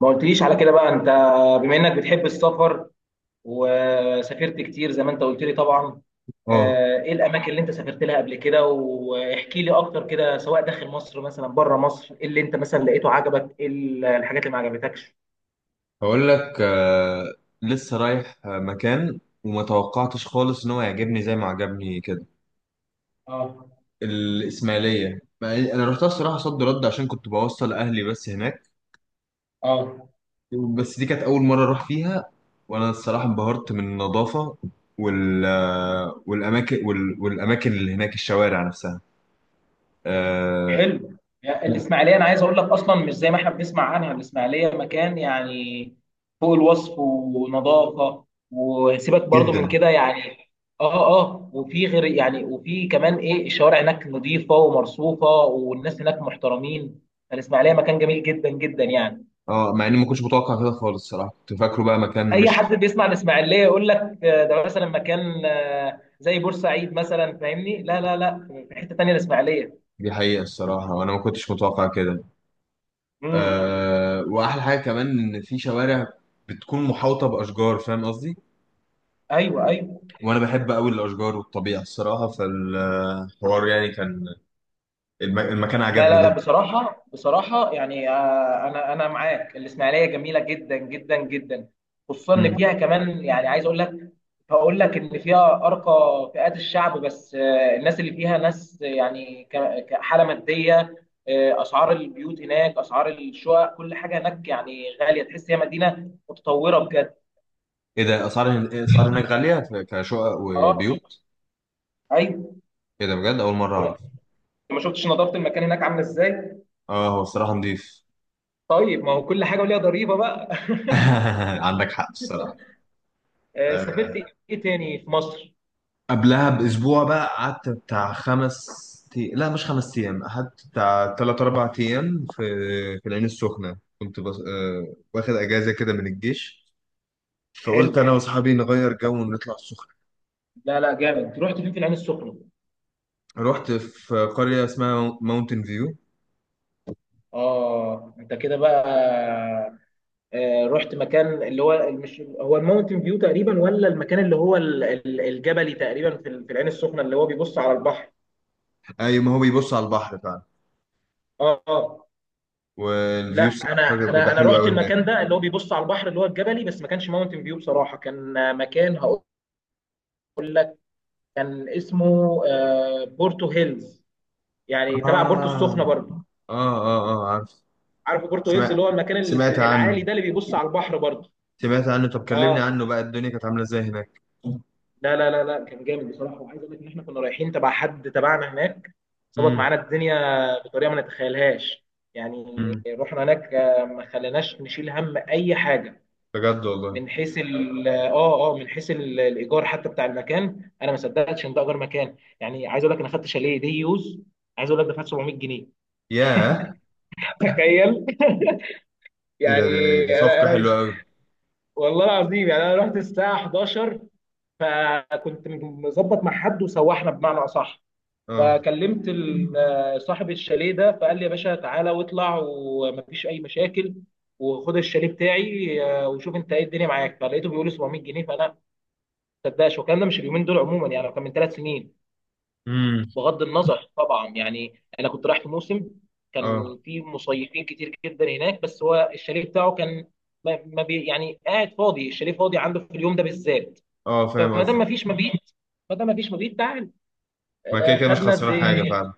ما قلتليش على كده بقى انت، بما انك بتحب السفر وسافرت كتير زي ما انت قلت لي طبعا. اه. ايه الاماكن اللي انت سافرت لها قبل كده؟ واحكي لي اكتر كده، سواء داخل مصر مثلا، بره مصر، ايه اللي انت مثلا لقيته عجبك، ايه الحاجات اللي ما عجبتكش؟ هقول لك، لسه رايح مكان وما توقعتش خالص ان هو يعجبني زي ما عجبني كده. اه، الاسماعيليه، مع إن انا رحتها الصراحه صد رد عشان كنت بوصل اهلي بس هناك. اه. بس دي كانت اول مره اروح فيها، وانا الصراحه انبهرت من النظافه والاماكن اللي هناك، الشوارع نفسها. آه، حلو. يعني الاسماعيليه انا عايز اقول لك اصلا مش زي ما احنا بنسمع عنها، الاسماعيليه مكان يعني فوق الوصف، ونظافه، وسيبك برضو من جدا. كده يعني. اه، اه، وفي غير يعني وفي كمان ايه، الشوارع هناك نظيفه ومرصوفه، والناس هناك محترمين. الاسماعيليه مكان جميل جدا جدا يعني. اه، مع اني ما كنتش متوقع كده خالص الصراحه، كنت فاكره بقى مكان اي مش... حد بيسمع الاسماعيليه يقول لك ده مثلا مكان، زي بورسعيد مثلا، فاهمني؟ لا، لا، لا، في حته تانيه الاسماعيليه. دي حقيقه الصراحه، وانا ما كنتش متوقع كده. امم آه، واحلى حاجه كمان ان في شوارع بتكون محاوطه باشجار، فاهم قصدي. ايوه، ايوه. وانا بحب قوي الاشجار والطبيعه الصراحه، فالحوار يعني كان... المكان لا، عجبني لا، لا، جدا. بصراحة بصراحة يعني أنا معاك، الإسماعيلية جميلة جدا جدا جدا، خصوصا مم. إن فيها كمان يعني عايز أقول لك، هقول لك إن فيها أرقى فئات الشعب، بس الناس اللي فيها ناس يعني كحالة مادية. أسعار البيوت هناك، أسعار الشقق، كل حاجة هناك يعني غالية، تحس هي مدينة متطورة بجد. ايه ده، إيه اسعار هناك غاليه كشقق أه. وبيوت؟ أيوه. ايه ده بجد، اول مره اعرف. ما شفتش نظافة المكان هناك عاملة إزاي. اه، هو الصراحه نضيف. طيب ما هو كل حاجة وليها ضريبة بقى. عندك حق الصراحه. سافرت آه، إيه تاني في مصر؟ قبلها باسبوع بقى، قعدت بتاع 5 لا مش 5 ايام، قعدت بتاع 3 4 ايام في العين السخنه. كنت بس... واخد اجازه كده من الجيش، فقلت انا حلو. واصحابي نغير جو ونطلع السخنه. لا، لا، جامد، رحت فين في العين السخنه؟ رحت في قريه اسمها ماونتن فيو. اه انت كده بقى. آه رحت مكان اللي هو، مش هو الماونتن فيو تقريبا، ولا المكان اللي هو الجبلي تقريبا في في العين السخنه اللي هو بيبص على البحر؟ اي، ما هو بيبص على البحر فعلا. اه، اه. والفيو لا، بصراحه انا انا بيبقى انا حلو رحت قوي هناك. المكان ده اللي هو بيبص على البحر اللي هو الجبلي، بس ما كانش ماونتن فيو بصراحه، كان مكان هقول لك كان اسمه بورتو هيلز، يعني تبع بورتو اه، السخنه برضه. اه، اه، اه، عارف. عارف بورتو هيلز سمعت، اللي هو المكان سمعت عنه. العالي ده اللي بيبص على البحر برضه؟ سمعت عنه. طب كلمني اه. عنه بقى، الدنيا كانت عامله ازاي هناك؟ لا، لا، لا، لا، كان جامد بصراحه، وعايز اقول لك ان احنا كنا رايحين تبع حد تبعنا هناك، ظبط امم. معانا الدنيا بطريقه ما نتخيلهاش. يعني امم، رحنا هناك، ما خليناش نشيل هم اي حاجه. بجد والله. من حيث من حيث الايجار حتى، بتاع المكان انا ما صدقتش ان ده اجار مكان. يعني عايز اقول لك انا خدت شاليه دي يوز، عايز اقول لك دفعت 700 جنيه. ياه تخيل ايه ده، يعني. دي انا صفقة انا حلوة مش قوي. والله العظيم يعني انا رحت الساعه 11، فكنت مظبط مع حد وسوحنا بمعنى اصح. اه. فكلمت صاحب الشاليه ده، فقال لي يا باشا تعالى واطلع، ومفيش اي مشاكل، وخد الشاليه بتاعي، وشوف انت ايه الدنيا معاك. فلقيته بيقول لي 700 جنيه، فانا ما صدقش. والكلام ده مش اليومين دول عموما يعني، هو كان من ثلاث سنين، امم. بغض النظر طبعا. يعني انا كنت رايح في موسم، اه، كان في مصيفين كتير جدا هناك، بس هو الشاليه بتاعه كان ما ما بي يعني قاعد فاضي، الشاليه فاضي عنده في اليوم ده بالذات. اه، فاهم فما دام قصدك. ما فيش مبيت، ما دام ما فيش مبيت تعال، ما كده كده مش خدنا قد خسران حاجة ايه. فعلا.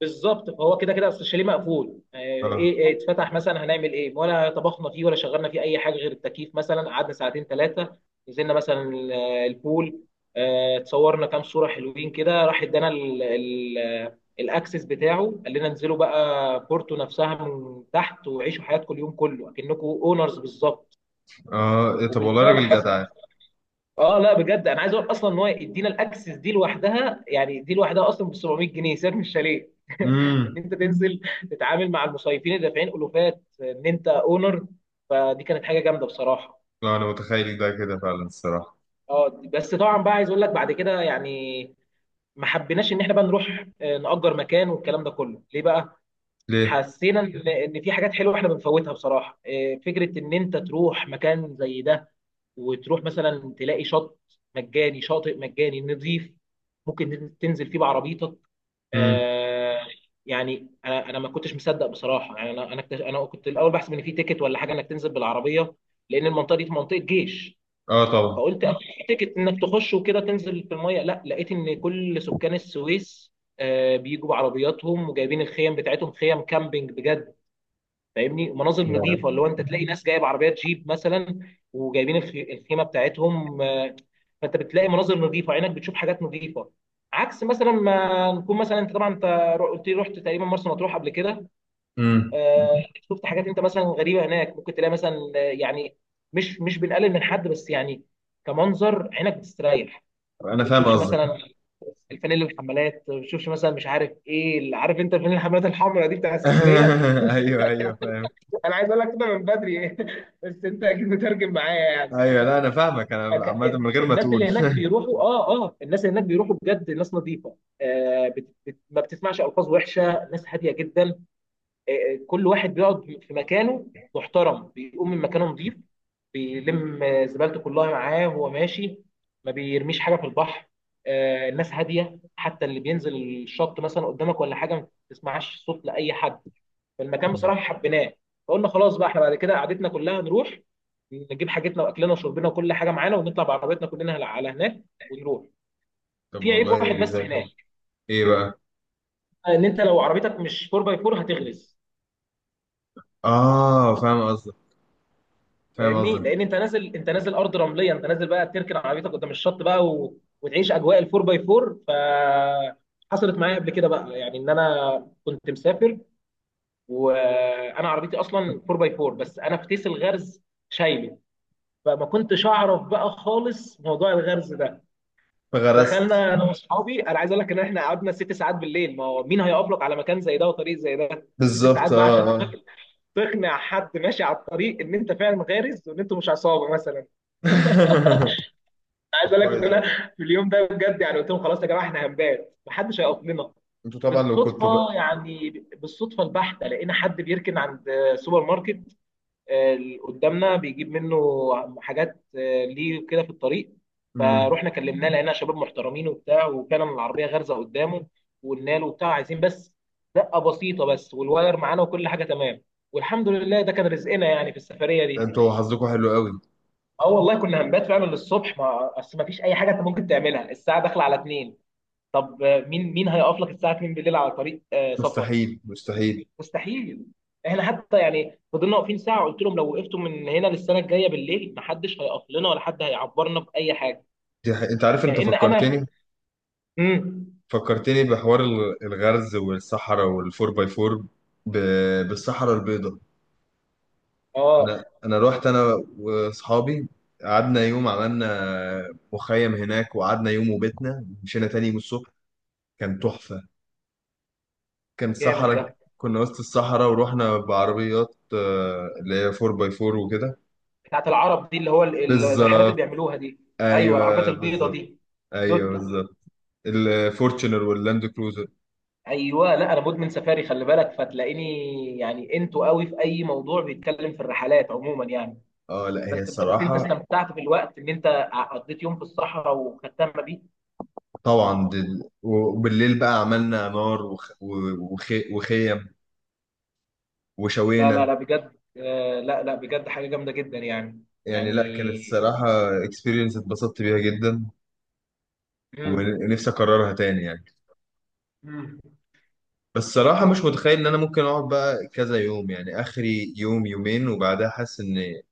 بالظبط، فهو كده كده اصل الشاليه مقفول، آه، ايه اه، إيه اتفتح مثلا هنعمل ايه، ولا طبخنا فيه ولا شغلنا فيه اي حاجه غير التكييف مثلا. قعدنا ساعتين ثلاثه، نزلنا مثلا البول، اتصورنا كام صوره حلوين كده، راح ادانا الاكسس بتاعه، قال لنا انزلوا بقى بورتو نفسها من تحت، وعيشوا حياتكم اليوم كله اكنكم اونرز بالظبط. اه، إيه طب والله وبالفعل راجل حصل. جدع. اه، لا بجد انا عايز اقول اصلا ان هو يدينا الاكسس دي لوحدها، يعني دي لوحدها اصلا ب 700 جنيه، سعر مش شاليه. ان امم. انت تنزل تتعامل مع المصيفين اللي دافعين الوفات ان انت اونر، فدي كانت حاجه جامده بصراحه. لا انا متخيل ده كده فعلا الصراحة. اه، بس طبعا بقى، عايز اقول لك بعد كده يعني ما حبيناش ان احنا بقى نروح نأجر مكان والكلام ده كله. ليه بقى؟ ليه؟ حسينا ان إن في حاجات حلوه احنا بنفوتها بصراحه. فكره ان انت تروح مكان زي ده، وتروح مثلا تلاقي شط مجاني، شاطئ مجاني نظيف، ممكن تنزل فيه بعربيتك. امم. آه يعني انا ما كنتش مصدق بصراحه. يعني انا كنت الاول بحسب ان في تيكت ولا حاجه، انك تنزل بالعربيه، لان المنطقه دي منطقه جيش. اه طبعا. فقلت أكيد في تيكت انك تخش وكده، تنزل في الميه. لا، لقيت ان كل سكان السويس بيجوا بعربياتهم، وجايبين الخيم بتاعتهم، خيم كامبينج بجد، فاهمني؟ ومناظر نظيفه، اللي هو انت تلاقي ناس جايب عربيات جيب مثلا، وجايبين الخيمه بتاعتهم. فانت بتلاقي مناظر نظيفه، عينك بتشوف حاجات نظيفه، عكس مثلا ما نكون مثلا. انت طبعا انت قلت لي رحت تقريبا مرسى مطروح قبل كده. امم. آه، شفت حاجات انت مثلا غريبه هناك، ممكن تلاقي مثلا يعني، مش مش بنقلل من حد بس يعني، كمنظر عينك بتستريح. انا ما فاهم بتشوفش قصدك. مثلا الفانيل الحمالات، ما بتشوفش مثلا، مش عارف ايه اللي، عارف انت الفانيل الحمالات الحمراء دي بتاع اسكندريه. ايوه، ايوه، فاهم. انا عايز اقول لك كده من بدري. بس انت اكيد مترجم معايا يعني. ايوه، لا انا فاهمك، انا فك- عامة من غير ما الناس تقول. اللي هناك بيروحوا، اه، اه، الناس اللي هناك بيروحوا بجد ناس نظيفه، ما بتسمعش الفاظ وحشه، ناس هاديه جدا. آه، كل واحد بيقعد في مكانه محترم، بيقوم من مكانه نظيف، بيلم زبالته كلها معاه وهو ماشي، ما بيرميش حاجه في البحر. آه، الناس هاديه، حتى اللي بينزل الشط مثلا قدامك ولا حاجه، ما بتسمعش صوت لاي حد، المكان مم. بصراحه حبيناه. فقلنا خلاص بقى احنا بعد كده قعدتنا كلها نروح، نجيب حاجتنا واكلنا وشربنا وكل حاجه معانا، ونطلع بعربيتنا كلنا على على هناك ونروح. طب في عيب والله. واحد زي بس الفل. هناك، ايه بقى؟ ان انت لو عربيتك مش 4 باي 4 هتغرز. اه، فاهم قصدك. فاهم فاهمني؟ قصدك. لان انت نازل، انت نازل ارض رمليه، انت نازل بقى تركن عربيتك قدام الشط بقى و... وتعيش اجواء ال 4 باي 4. ف حصلت معايا قبل كده بقى يعني، ان انا كنت مسافر وانا عربيتي اصلا 4 باي 4، بس انا في تيس الغرز شايله، فما كنتش اعرف بقى خالص موضوع الغرز ده. فغرست. دخلنا انا واصحابي، انا عايز اقول لك ان احنا قعدنا ست ساعات بالليل. ما هو مين هيقابلك على مكان زي ده وطريق زي ده؟ ست بالظبط، ساعات بقى اه، عشان اه. تقنع، تقنع حد ماشي على الطريق ان انت فعلا غارز، وان انت مش عصابه مثلا. أنا عايز طب اقول لك ان كويس أوي. انا في اليوم ده بجد يعني قلت لهم خلاص يا جماعه، احنا هنبات، محدش هيقف لنا. انتوا طبعا لو كنتوا بالصدفه بقى... يعني، بالصدفه البحته، لقينا حد بيركن عند سوبر ماركت اللي قدامنا بيجيب منه حاجات، ليه كده في الطريق. امم. فروحنا كلمناه، لقينا شباب محترمين وبتاع، وفعلا العربيه غارزه قدامه، وقلنا له وبتاع عايزين بس دقه بسيطه بس، والواير معانا وكل حاجه تمام. والحمد لله ده كان رزقنا يعني في السفريه دي. انتوا حظكم حلو قوي. اه، والله كنا هنبات فعلا للصبح، ما اصل ما فيش اي حاجه انت ممكن تعملها الساعه داخله على اتنين. طب مين مين هيقف لك الساعه 2 بالليل على طريق سفر؟ مستحيل، مستحيل. مستحيل. احنا حتى يعني فضلنا واقفين ساعه، قلت لهم لو وقفتوا من هنا للسنه الجايه بالليل محدش هيقف لنا ولا حد هيعبرنا باي حاجه. دي حقيقة. انت عارف، انت لان انا. فكرتني. امم فكرتني بحوار الغرز والصحراء والفور باي فور. ب... بالصحراء البيضاء. انا اه انا رحت انا واصحابي. قعدنا يوم، عملنا مخيم هناك، وقعدنا يوم وبيتنا، مشينا تاني يوم الصبح. كان تحفة. كان جامد صحراء. ده. كنا وسط الصحراء ورحنا بعربيات اللي هي 4 باي 4 وكده. بتاعت العرب دي اللي هو الرحلات اللي بالظبط. بيعملوها دي. ايوه العربيات ايوه البيضه بالظبط. دي، ايوه يوتا. بالظبط. الفورتشنر واللاند كروزر. ايوه، لا انا مدمن سفاري خلي بالك، فتلاقيني يعني انتوا قوي في اي موضوع بيتكلم في الرحلات عموما يعني. اه، لا، هي بس بجد انت الصراحه... استمتعت بالوقت ان انت قضيت يوم في الصحراء وختمنا بيه. طبعا وبالليل بقى عملنا نار وخيم لا، لا، وشوينا. لا، بجد آه، لا لا بجد حاجة جامدة جدا يعني. يعني يعني. لا، كانت الصراحه اكسبيرينس اتبسطت بيها جدا، مم. ونفسي اكررها تاني يعني. مم. بس الصراحه مش متخيل ان انا ممكن اقعد بقى كذا يوم، يعني اخري يوم يومين وبعدها حاسس ان...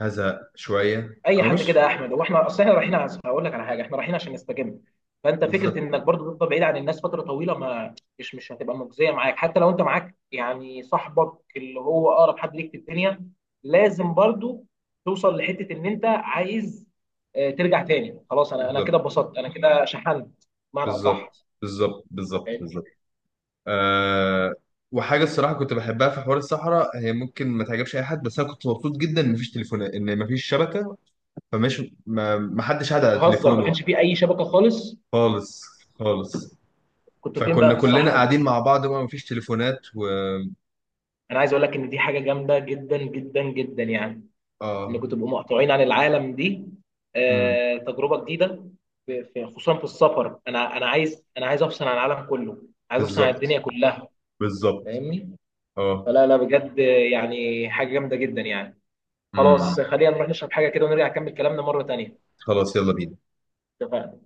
هزهق شويه، اي او حد مش... كده يا احمد، هو احنا اصل احنا رايحين هقول لك على حاجه، احنا رايحين عشان نستجم. فانت فكره بالظبط، انك برضو تفضل بعيد عن الناس فتره طويله، ما مش مش هتبقى مجزيه معاك، حتى لو انت معاك يعني صاحبك اللي هو اقرب حد ليك في الدنيا. لازم برضو توصل لحته ان انت عايز ترجع تاني. خلاص انا انا كده بالظبط، اتبسطت، انا كده شحنت بمعنى اصح. بالظبط. بالظبط، بالظبط، فاهمني؟ بالظبط. أه. وحاجه الصراحه كنت بحبها في حوار الصحراء، هي ممكن ما تعجبش اي حد، بس انا كنت مبسوط جدا ان مفيش تليفونات، ان مفيش شبكه. فمش ما حدش قاعد على بتهزر ما تليفونه كانش فيه اي شبكه خالص؟ خالص. خالص. كنتوا فين بقى فكنا في كلنا الصحراء؟ قاعدين مع بعض بقى، مفيش تليفونات و... انا عايز اقول لك ان دي حاجه جامده جدا جدا جدا يعني، اه. انكم تبقوا مقطوعين عن العالم، دي امم. تجربه جديده. خصوصا في السفر، انا عايز، انا عايز افصل عن العالم كله، عايز افصل عن بالظبط، الدنيا كلها. بالظبط. فاهمني؟ اه. فلا، لا بجد يعني حاجه جامده جدا يعني. امم. خلاص خلينا نروح نشرب حاجه كده ونرجع نكمل كلامنا مره تانيه. خلاص يلا بينا. اتفقنا.